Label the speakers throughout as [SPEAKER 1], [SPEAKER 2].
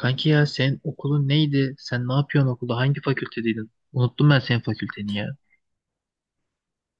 [SPEAKER 1] Kanki ya sen okulun neydi? Sen ne yapıyorsun okulda? Hangi fakültedeydin? Unuttum ben senin fakülteni ya.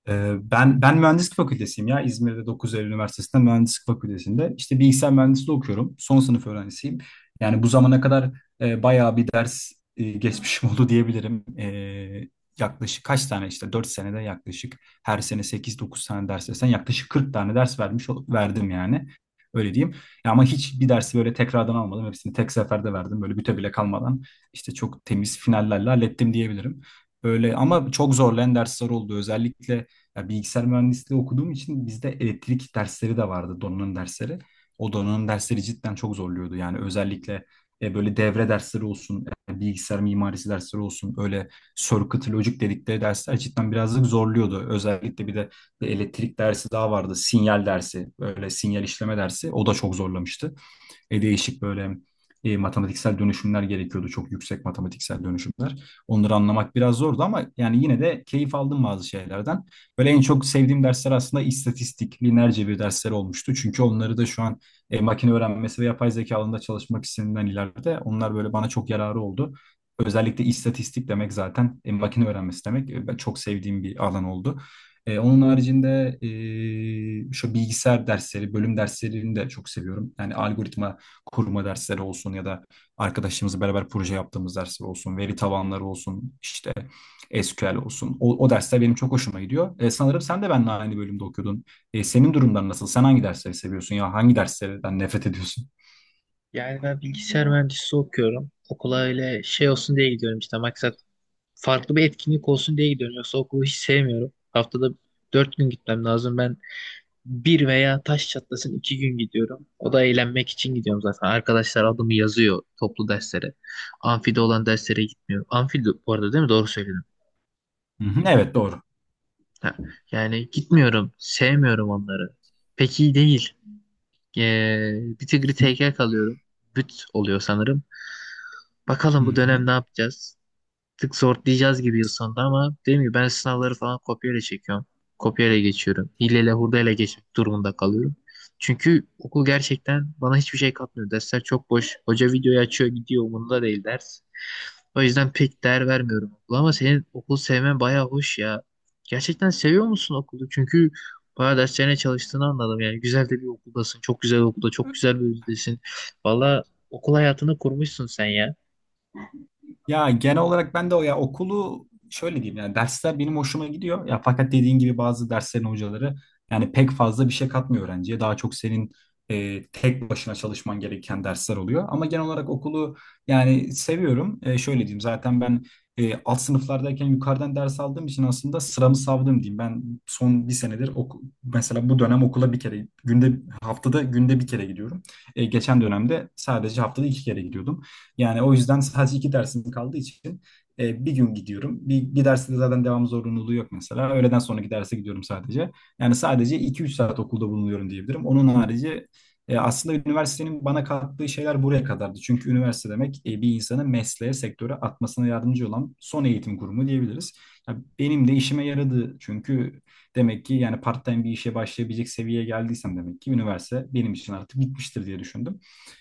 [SPEAKER 2] Ben mühendislik fakültesiyim ya İzmir'de 9 Eylül Üniversitesi'nde mühendislik fakültesinde işte bilgisayar mühendisliği okuyorum son sınıf öğrencisiyim yani bu zamana kadar bayağı bir ders geçmişim oldu diyebilirim. Yaklaşık kaç tane işte 4 senede yaklaşık her sene 8 9 tane ders versen yaklaşık 40 tane ders verdim yani öyle diyeyim. Ya ama hiç bir dersi böyle tekrardan almadım, hepsini tek seferde verdim, böyle büte bile kalmadan işte çok temiz finallerle hallettim diyebilirim. Böyle ama çok zorlayan dersler oldu. Özellikle ya bilgisayar mühendisliği okuduğum için bizde elektrik dersleri de vardı, donanım dersleri. O donanım dersleri cidden çok zorluyordu. Yani özellikle böyle devre dersleri olsun, bilgisayar mimarisi dersleri olsun, öyle circuit logic dedikleri dersler cidden birazcık zorluyordu. Özellikle bir de bir elektrik dersi daha vardı, sinyal dersi, böyle sinyal işleme dersi. O da çok zorlamıştı. Değişik böyle matematiksel dönüşümler gerekiyordu. Çok yüksek matematiksel dönüşümler. Onları anlamak biraz zordu ama yani yine de keyif aldım bazı şeylerden. Böyle en çok sevdiğim dersler aslında istatistik, lineer cebir dersleri olmuştu. Çünkü onları da şu an makine öğrenmesi ve yapay zeka alanında çalışmak istediğimden ileride onlar böyle bana çok yararı oldu. Özellikle istatistik demek zaten makine öğrenmesi demek. Ben çok sevdiğim bir alan oldu. Onun haricinde şu bilgisayar dersleri, bölüm derslerini de çok seviyorum. Yani algoritma kurma dersleri olsun ya da arkadaşlarımızla beraber proje yaptığımız dersler olsun, veri tabanları olsun, işte SQL olsun. O dersler benim çok hoşuma gidiyor. Sanırım sen de benimle aynı bölümde okuyordun. Senin durumların nasıl? Sen hangi dersleri seviyorsun ya hangi derslerden nefret ediyorsun?
[SPEAKER 1] Yani ben bilgisayar mühendisliği okuyorum. Okula öyle şey olsun diye gidiyorum, işte maksat farklı bir etkinlik olsun diye gidiyorum. Yoksa okulu hiç sevmiyorum. Haftada dört gün gitmem lazım. Ben bir veya taş çatlasın iki gün gidiyorum. O da eğlenmek için gidiyorum zaten. Arkadaşlar adımı yazıyor toplu derslere. Amfide olan derslere gitmiyorum. Amfi de- bu arada değil mi? Doğru söyledim.
[SPEAKER 2] Hı hı, evet doğru.
[SPEAKER 1] Ha. Yani gitmiyorum. Sevmiyorum onları. Pek iyi değil. Ee, Bir tigri tekel kalıyorum. Büt oluyor sanırım.
[SPEAKER 2] Hı
[SPEAKER 1] Bakalım bu
[SPEAKER 2] hı.
[SPEAKER 1] dönem ne yapacağız? Tık sortlayacağız gibi yıl sonunda ama dediğim gibi ben sınavları falan kopyayla çekiyorum. Kopyayla geçiyorum. Hileyle hurdayla geçmek durumunda kalıyorum. Çünkü okul gerçekten bana hiçbir şey katmıyor. Dersler çok boş. Hoca videoyu açıyor gidiyor, umurunda değil ders. O yüzden pek değer vermiyorum okula ama senin okul sevmen bayağı hoş ya. Gerçekten seviyor musun okulu? Çünkü bayağı derslerine çalıştığını anladım. Yani güzel de bir okuldasın. Çok güzel okulda, çok güzel bir bölümdesin. Valla okul hayatını kurmuşsun sen ya.
[SPEAKER 2] Ya genel olarak ben de o ya okulu şöyle diyeyim, yani dersler benim hoşuma gidiyor. Ya fakat dediğin gibi bazı derslerin hocaları yani pek fazla bir şey katmıyor öğrenciye. Daha çok senin tek başına çalışman gereken dersler oluyor. Ama genel olarak okulu yani seviyorum. Şöyle diyeyim, zaten ben alt sınıflardayken yukarıdan ders aldığım için aslında sıramı savdım diyeyim. Ben son bir senedir mesela bu dönem okula bir kere günde haftada günde bir kere gidiyorum. Geçen dönemde sadece haftada 2 kere gidiyordum. Yani o yüzden sadece 2 dersim kaldığı için bir gün gidiyorum. Bir derste de zaten devam zorunluluğu yok mesela. Öğleden sonraki derse gidiyorum sadece. Yani sadece 2 3 saat okulda bulunuyorum diyebilirim. Onun harici aslında üniversitenin bana kattığı şeyler buraya kadardı. Çünkü üniversite demek bir insanı mesleğe, sektöre atmasına yardımcı olan son eğitim kurumu diyebiliriz. Ya benim de işime yaradı. Çünkü demek ki yani part-time bir işe başlayabilecek seviyeye geldiysem demek ki üniversite benim için artık bitmiştir diye düşündüm.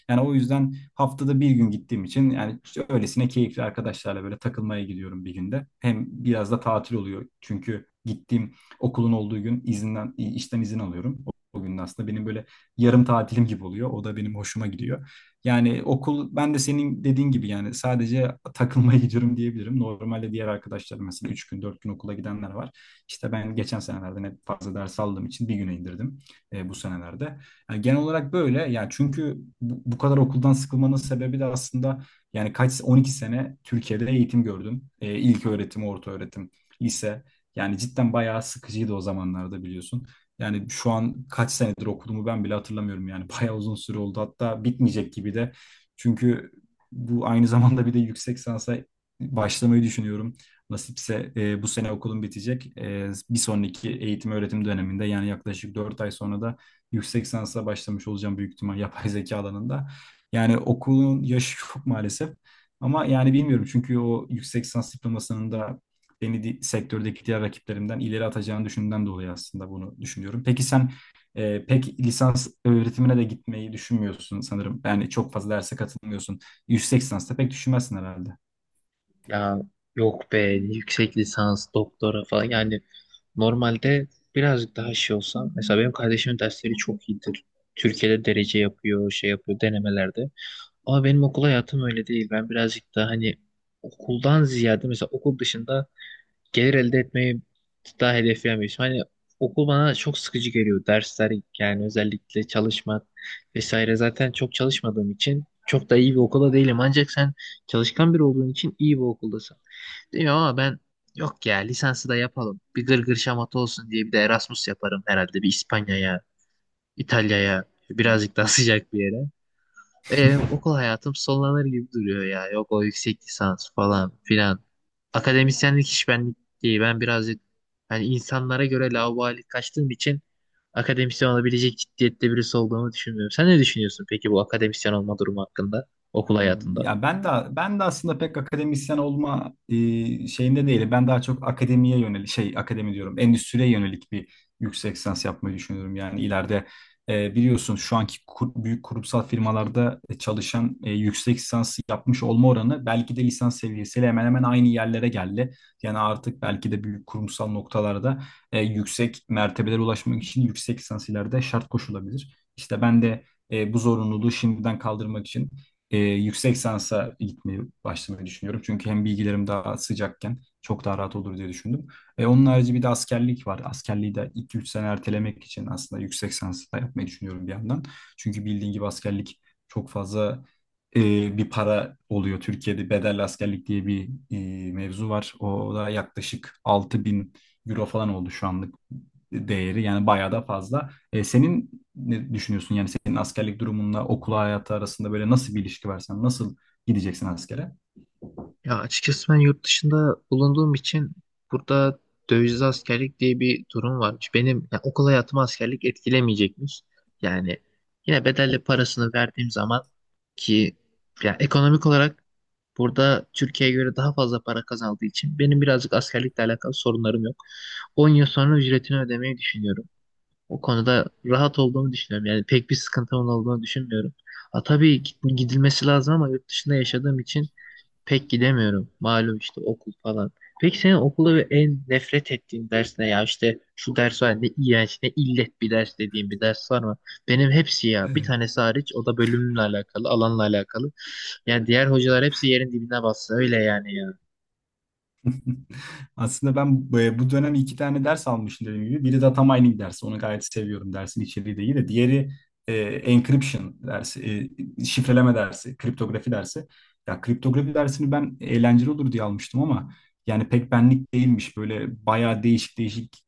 [SPEAKER 2] Yani o yüzden haftada bir gün gittiğim için yani işte öylesine keyifli arkadaşlarla böyle takılmaya gidiyorum bir günde. Hem biraz da tatil oluyor, çünkü gittiğim okulun olduğu gün izinden işten izin alıyorum. O gün de aslında benim böyle yarım tatilim gibi oluyor. O da benim hoşuma gidiyor. Yani okul ben de senin dediğin gibi yani sadece takılmaya gidiyorum diyebilirim. Normalde diğer arkadaşlarım mesela 3 gün 4 gün okula gidenler var. İşte ben geçen senelerde ne fazla ders aldığım için bir güne indirdim bu senelerde. Yani genel olarak böyle. Yani çünkü bu kadar okuldan sıkılmanın sebebi de aslında yani kaç 12 sene Türkiye'de eğitim gördüm. İlk öğretim, orta öğretim, lise. Yani cidden bayağı sıkıcıydı o zamanlarda biliyorsun. Yani şu an kaç senedir okuduğumu ben bile hatırlamıyorum. Yani bayağı uzun süre oldu. Hatta bitmeyecek gibi de. Çünkü bu aynı zamanda bir de yüksek lisansa başlamayı düşünüyorum. Nasipse bu sene okulum bitecek. Bir sonraki eğitim öğretim döneminde yani yaklaşık 4 ay sonra da yüksek lisansa başlamış olacağım büyük ihtimal yapay zeka alanında. Yani okulun yaşı çok maalesef. Ama yani bilmiyorum, çünkü o yüksek lisans diplomasının da beni sektördeki diğer rakiplerimden ileri atacağını düşündüğümden dolayı aslında bunu düşünüyorum. Peki sen pek lisans öğretimine de gitmeyi düşünmüyorsun sanırım. Yani çok fazla derse katılmıyorsun. Yüksek lisansta pek düşünmezsin herhalde.
[SPEAKER 1] Ya yok be, yüksek lisans, doktora falan yani normalde birazcık daha şey olsam, mesela benim kardeşimin dersleri çok iyidir. Türkiye'de derece yapıyor, şey yapıyor denemelerde. Ama benim okul hayatım öyle değil. Ben birazcık daha hani okuldan ziyade mesela okul dışında gelir elde etmeyi daha hedefleyemiyorsun. Hani okul bana çok sıkıcı geliyor. Dersler yani özellikle çalışmak vesaire. Zaten çok çalışmadığım için çok da iyi bir okula değilim. Ancak sen çalışkan biri olduğun için iyi bir okuldasın. Değil mi? Ama ben yok ya, lisansı da yapalım. Bir gırgır şamata olsun diye bir de Erasmus yaparım herhalde. Bir İspanya'ya, İtalya'ya birazcık daha sıcak bir yere. Okul hayatım sonlanır gibi duruyor ya. Yok o yüksek lisans falan filan. Akademisyenlik hiç benlik değil. Ben birazcık hani insanlara göre laubali kaçtığım için akademisyen olabilecek ciddiyette birisi olduğumu düşünmüyorum. Sen ne düşünüyorsun peki bu akademisyen olma durumu hakkında okul
[SPEAKER 2] Anladım.
[SPEAKER 1] hayatında?
[SPEAKER 2] Ya ben de aslında pek akademisyen olma şeyinde değilim. Ben daha çok akademiye yönelik, şey, akademi diyorum, endüstriye yönelik bir yüksek lisans yapmayı düşünüyorum. Yani ileride biliyorsun şu anki büyük kurumsal firmalarda çalışan yüksek lisans yapmış olma oranı belki de lisans seviyesiyle hemen hemen aynı yerlere geldi. Yani artık belki de büyük kurumsal noktalarda yüksek mertebelere ulaşmak için yüksek lisans ileride şart koşulabilir. İşte ben de bu zorunluluğu şimdiden kaldırmak için yüksek sansa gitmeyi başlamayı düşünüyorum. Çünkü hem bilgilerim daha sıcakken çok daha rahat olur diye düşündüm. Onun harici bir de askerlik var. Askerliği de 2-3 sene ertelemek için aslında yüksek sansa da yapmayı düşünüyorum bir yandan. Çünkü bildiğin gibi askerlik çok fazla e, bir para oluyor. Türkiye'de bedelli askerlik diye bir mevzu var. O da yaklaşık 6.000 euro falan oldu şu anlık değeri. Yani bayağı da fazla. Senin ne düşünüyorsun? Yani senin askerlik durumunla okul hayatı arasında böyle nasıl bir ilişki var? Sen nasıl gideceksin askere?
[SPEAKER 1] Ya açıkçası ben yurt dışında bulunduğum için burada dövizli askerlik diye bir durum varmış. Benim yani okul hayatımı askerlik etkilemeyecekmiş. Yani yine bedelli parasını verdiğim zaman ki yani ekonomik olarak burada Türkiye'ye göre daha fazla para kazandığı için benim birazcık askerlikle alakalı sorunlarım yok. 10 yıl sonra ücretini ödemeyi düşünüyorum. O konuda rahat olduğumu düşünüyorum. Yani pek bir sıkıntımın olduğunu düşünmüyorum. Ha, tabii gidilmesi lazım ama yurt dışında yaşadığım için pek gidemiyorum. Malum işte okul falan. Peki senin okulda ve en nefret ettiğin ders ne ya? İşte şu ders var, ne iğrenç ne illet bir ders dediğim bir ders var mı? Benim hepsi ya. Bir
[SPEAKER 2] Ee,
[SPEAKER 1] tanesi hariç, o da bölümle alakalı, alanla alakalı. Yani diğer hocalar hepsi yerin dibine bassa öyle yani ya.
[SPEAKER 2] Aslında ben bu dönem 2 tane ders almışım dediğim gibi. Biri data mining dersi. Onu gayet seviyorum. Dersin içeriği de iyi de. Diğeri encryption dersi. Şifreleme dersi. Kriptografi dersi. Ya kriptografi dersini ben eğlenceli olur diye almıştım ama yani pek benlik değilmiş. Böyle bayağı değişik değişik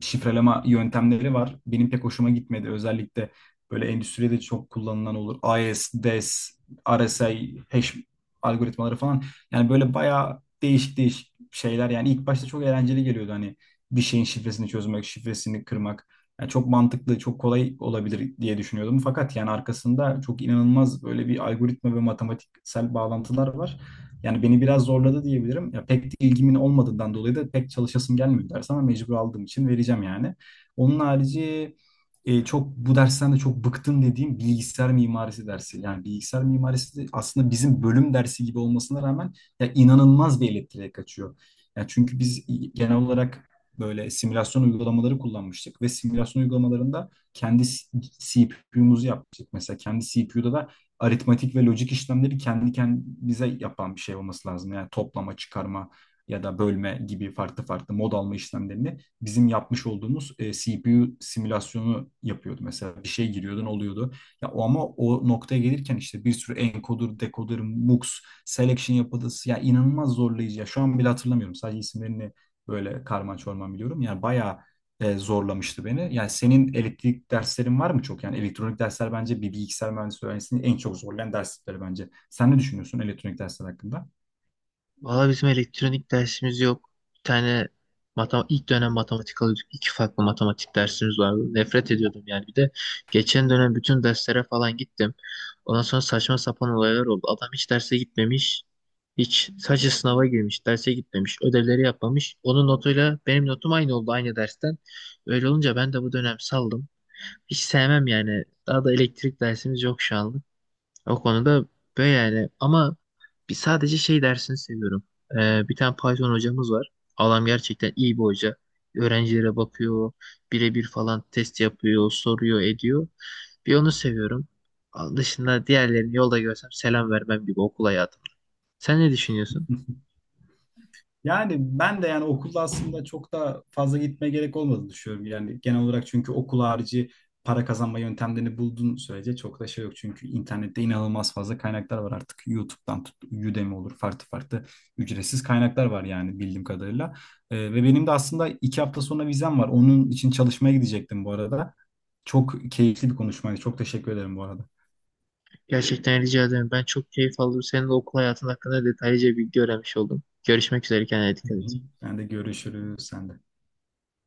[SPEAKER 2] şifreleme yöntemleri var. Benim pek hoşuma gitmedi. Özellikle böyle endüstride çok kullanılan olur. AES, DES, RSA, hash algoritmaları falan. Yani böyle bayağı değişik değişik şeyler. Yani ilk başta çok eğlenceli geliyordu hani bir şeyin şifresini çözmek, şifresini kırmak. Yani çok mantıklı, çok kolay olabilir diye düşünüyordum. Fakat yani arkasında çok inanılmaz böyle bir algoritma ve matematiksel bağlantılar var. Yani beni biraz zorladı diyebilirim. Ya pek de ilgimin olmadığından dolayı da pek çalışasım gelmiyor ders, ama mecbur aldığım için vereceğim yani. Onun harici çok bu dersten de çok bıktım dediğim bilgisayar mimarisi dersi. Yani bilgisayar mimarisi de aslında bizim bölüm dersi gibi olmasına rağmen ya inanılmaz bir elektriğe kaçıyor. Ya çünkü biz genel olarak böyle simülasyon uygulamaları kullanmıştık ve simülasyon uygulamalarında kendi CPU'muzu yapmıştık. Mesela kendi CPU'da da aritmatik ve lojik işlemleri kendi kendimize yapan bir şey olması lazım. Yani toplama, çıkarma ya da bölme gibi farklı farklı mod alma işlemlerini bizim yapmış olduğumuz CPU simülasyonu yapıyordu. Mesela bir şey giriyordun oluyordu. Ya o, ama o noktaya gelirken işte bir sürü encoder, decoder, mux, selection yapısı ya inanılmaz zorlayıcı. Ya şu an bile hatırlamıyorum. Sadece isimlerini böyle karman çorman biliyorum. Yani bayağı zorlamıştı beni. Yani senin elektrik derslerin var mı çok? Yani elektronik dersler bence bir bilgisayar mühendisliği öğrencisini en çok zorlayan dersleri bence. Sen ne düşünüyorsun elektronik dersler hakkında?
[SPEAKER 1] Valla bizim elektronik dersimiz yok. Bir tane matem, ilk dönem matematik alıyorduk. İki farklı matematik dersimiz vardı. Nefret ediyordum yani. Bir de geçen dönem bütün derslere falan gittim. Ondan sonra saçma sapan olaylar oldu. Adam hiç derse gitmemiş. Hiç, sadece sınava girmiş. Derse gitmemiş. Ödevleri yapmamış. Onun notuyla benim notum aynı oldu aynı dersten. Öyle olunca ben de bu dönem saldım. Hiç sevmem yani. Daha da elektrik dersimiz yok şu an. O konuda böyle yani ama bir sadece şey dersini seviyorum. Bir tane Python hocamız var. Adam gerçekten iyi bir hoca. Öğrencilere bakıyor, birebir falan test yapıyor, soruyor, ediyor. Bir onu seviyorum. Dışında diğerlerini yolda görsem selam vermem gibi okul hayatım. Sen ne düşünüyorsun?
[SPEAKER 2] Yani ben de yani okulda aslında çok da fazla gitmeye gerek olmadığını düşünüyorum. Yani genel olarak çünkü okul harici para kazanma yöntemlerini bulduğun sürece çok da şey yok. Çünkü internette inanılmaz fazla kaynaklar var artık. YouTube'dan tut, Udemy olur, farklı farklı ücretsiz kaynaklar var yani bildiğim kadarıyla. Ve benim de aslında 2 hafta sonra vizem var. Onun için çalışmaya gidecektim bu arada. Çok keyifli bir konuşmaydı. Çok teşekkür ederim bu arada.
[SPEAKER 1] Gerçekten rica ederim. Ben çok keyif aldım. Senin de okul hayatın hakkında detaylıca bilgi öğrenmiş oldum. Görüşmek üzere. Kendine
[SPEAKER 2] Hı
[SPEAKER 1] dikkat
[SPEAKER 2] hı.
[SPEAKER 1] et.
[SPEAKER 2] Ben de görüşürüz. Sen de.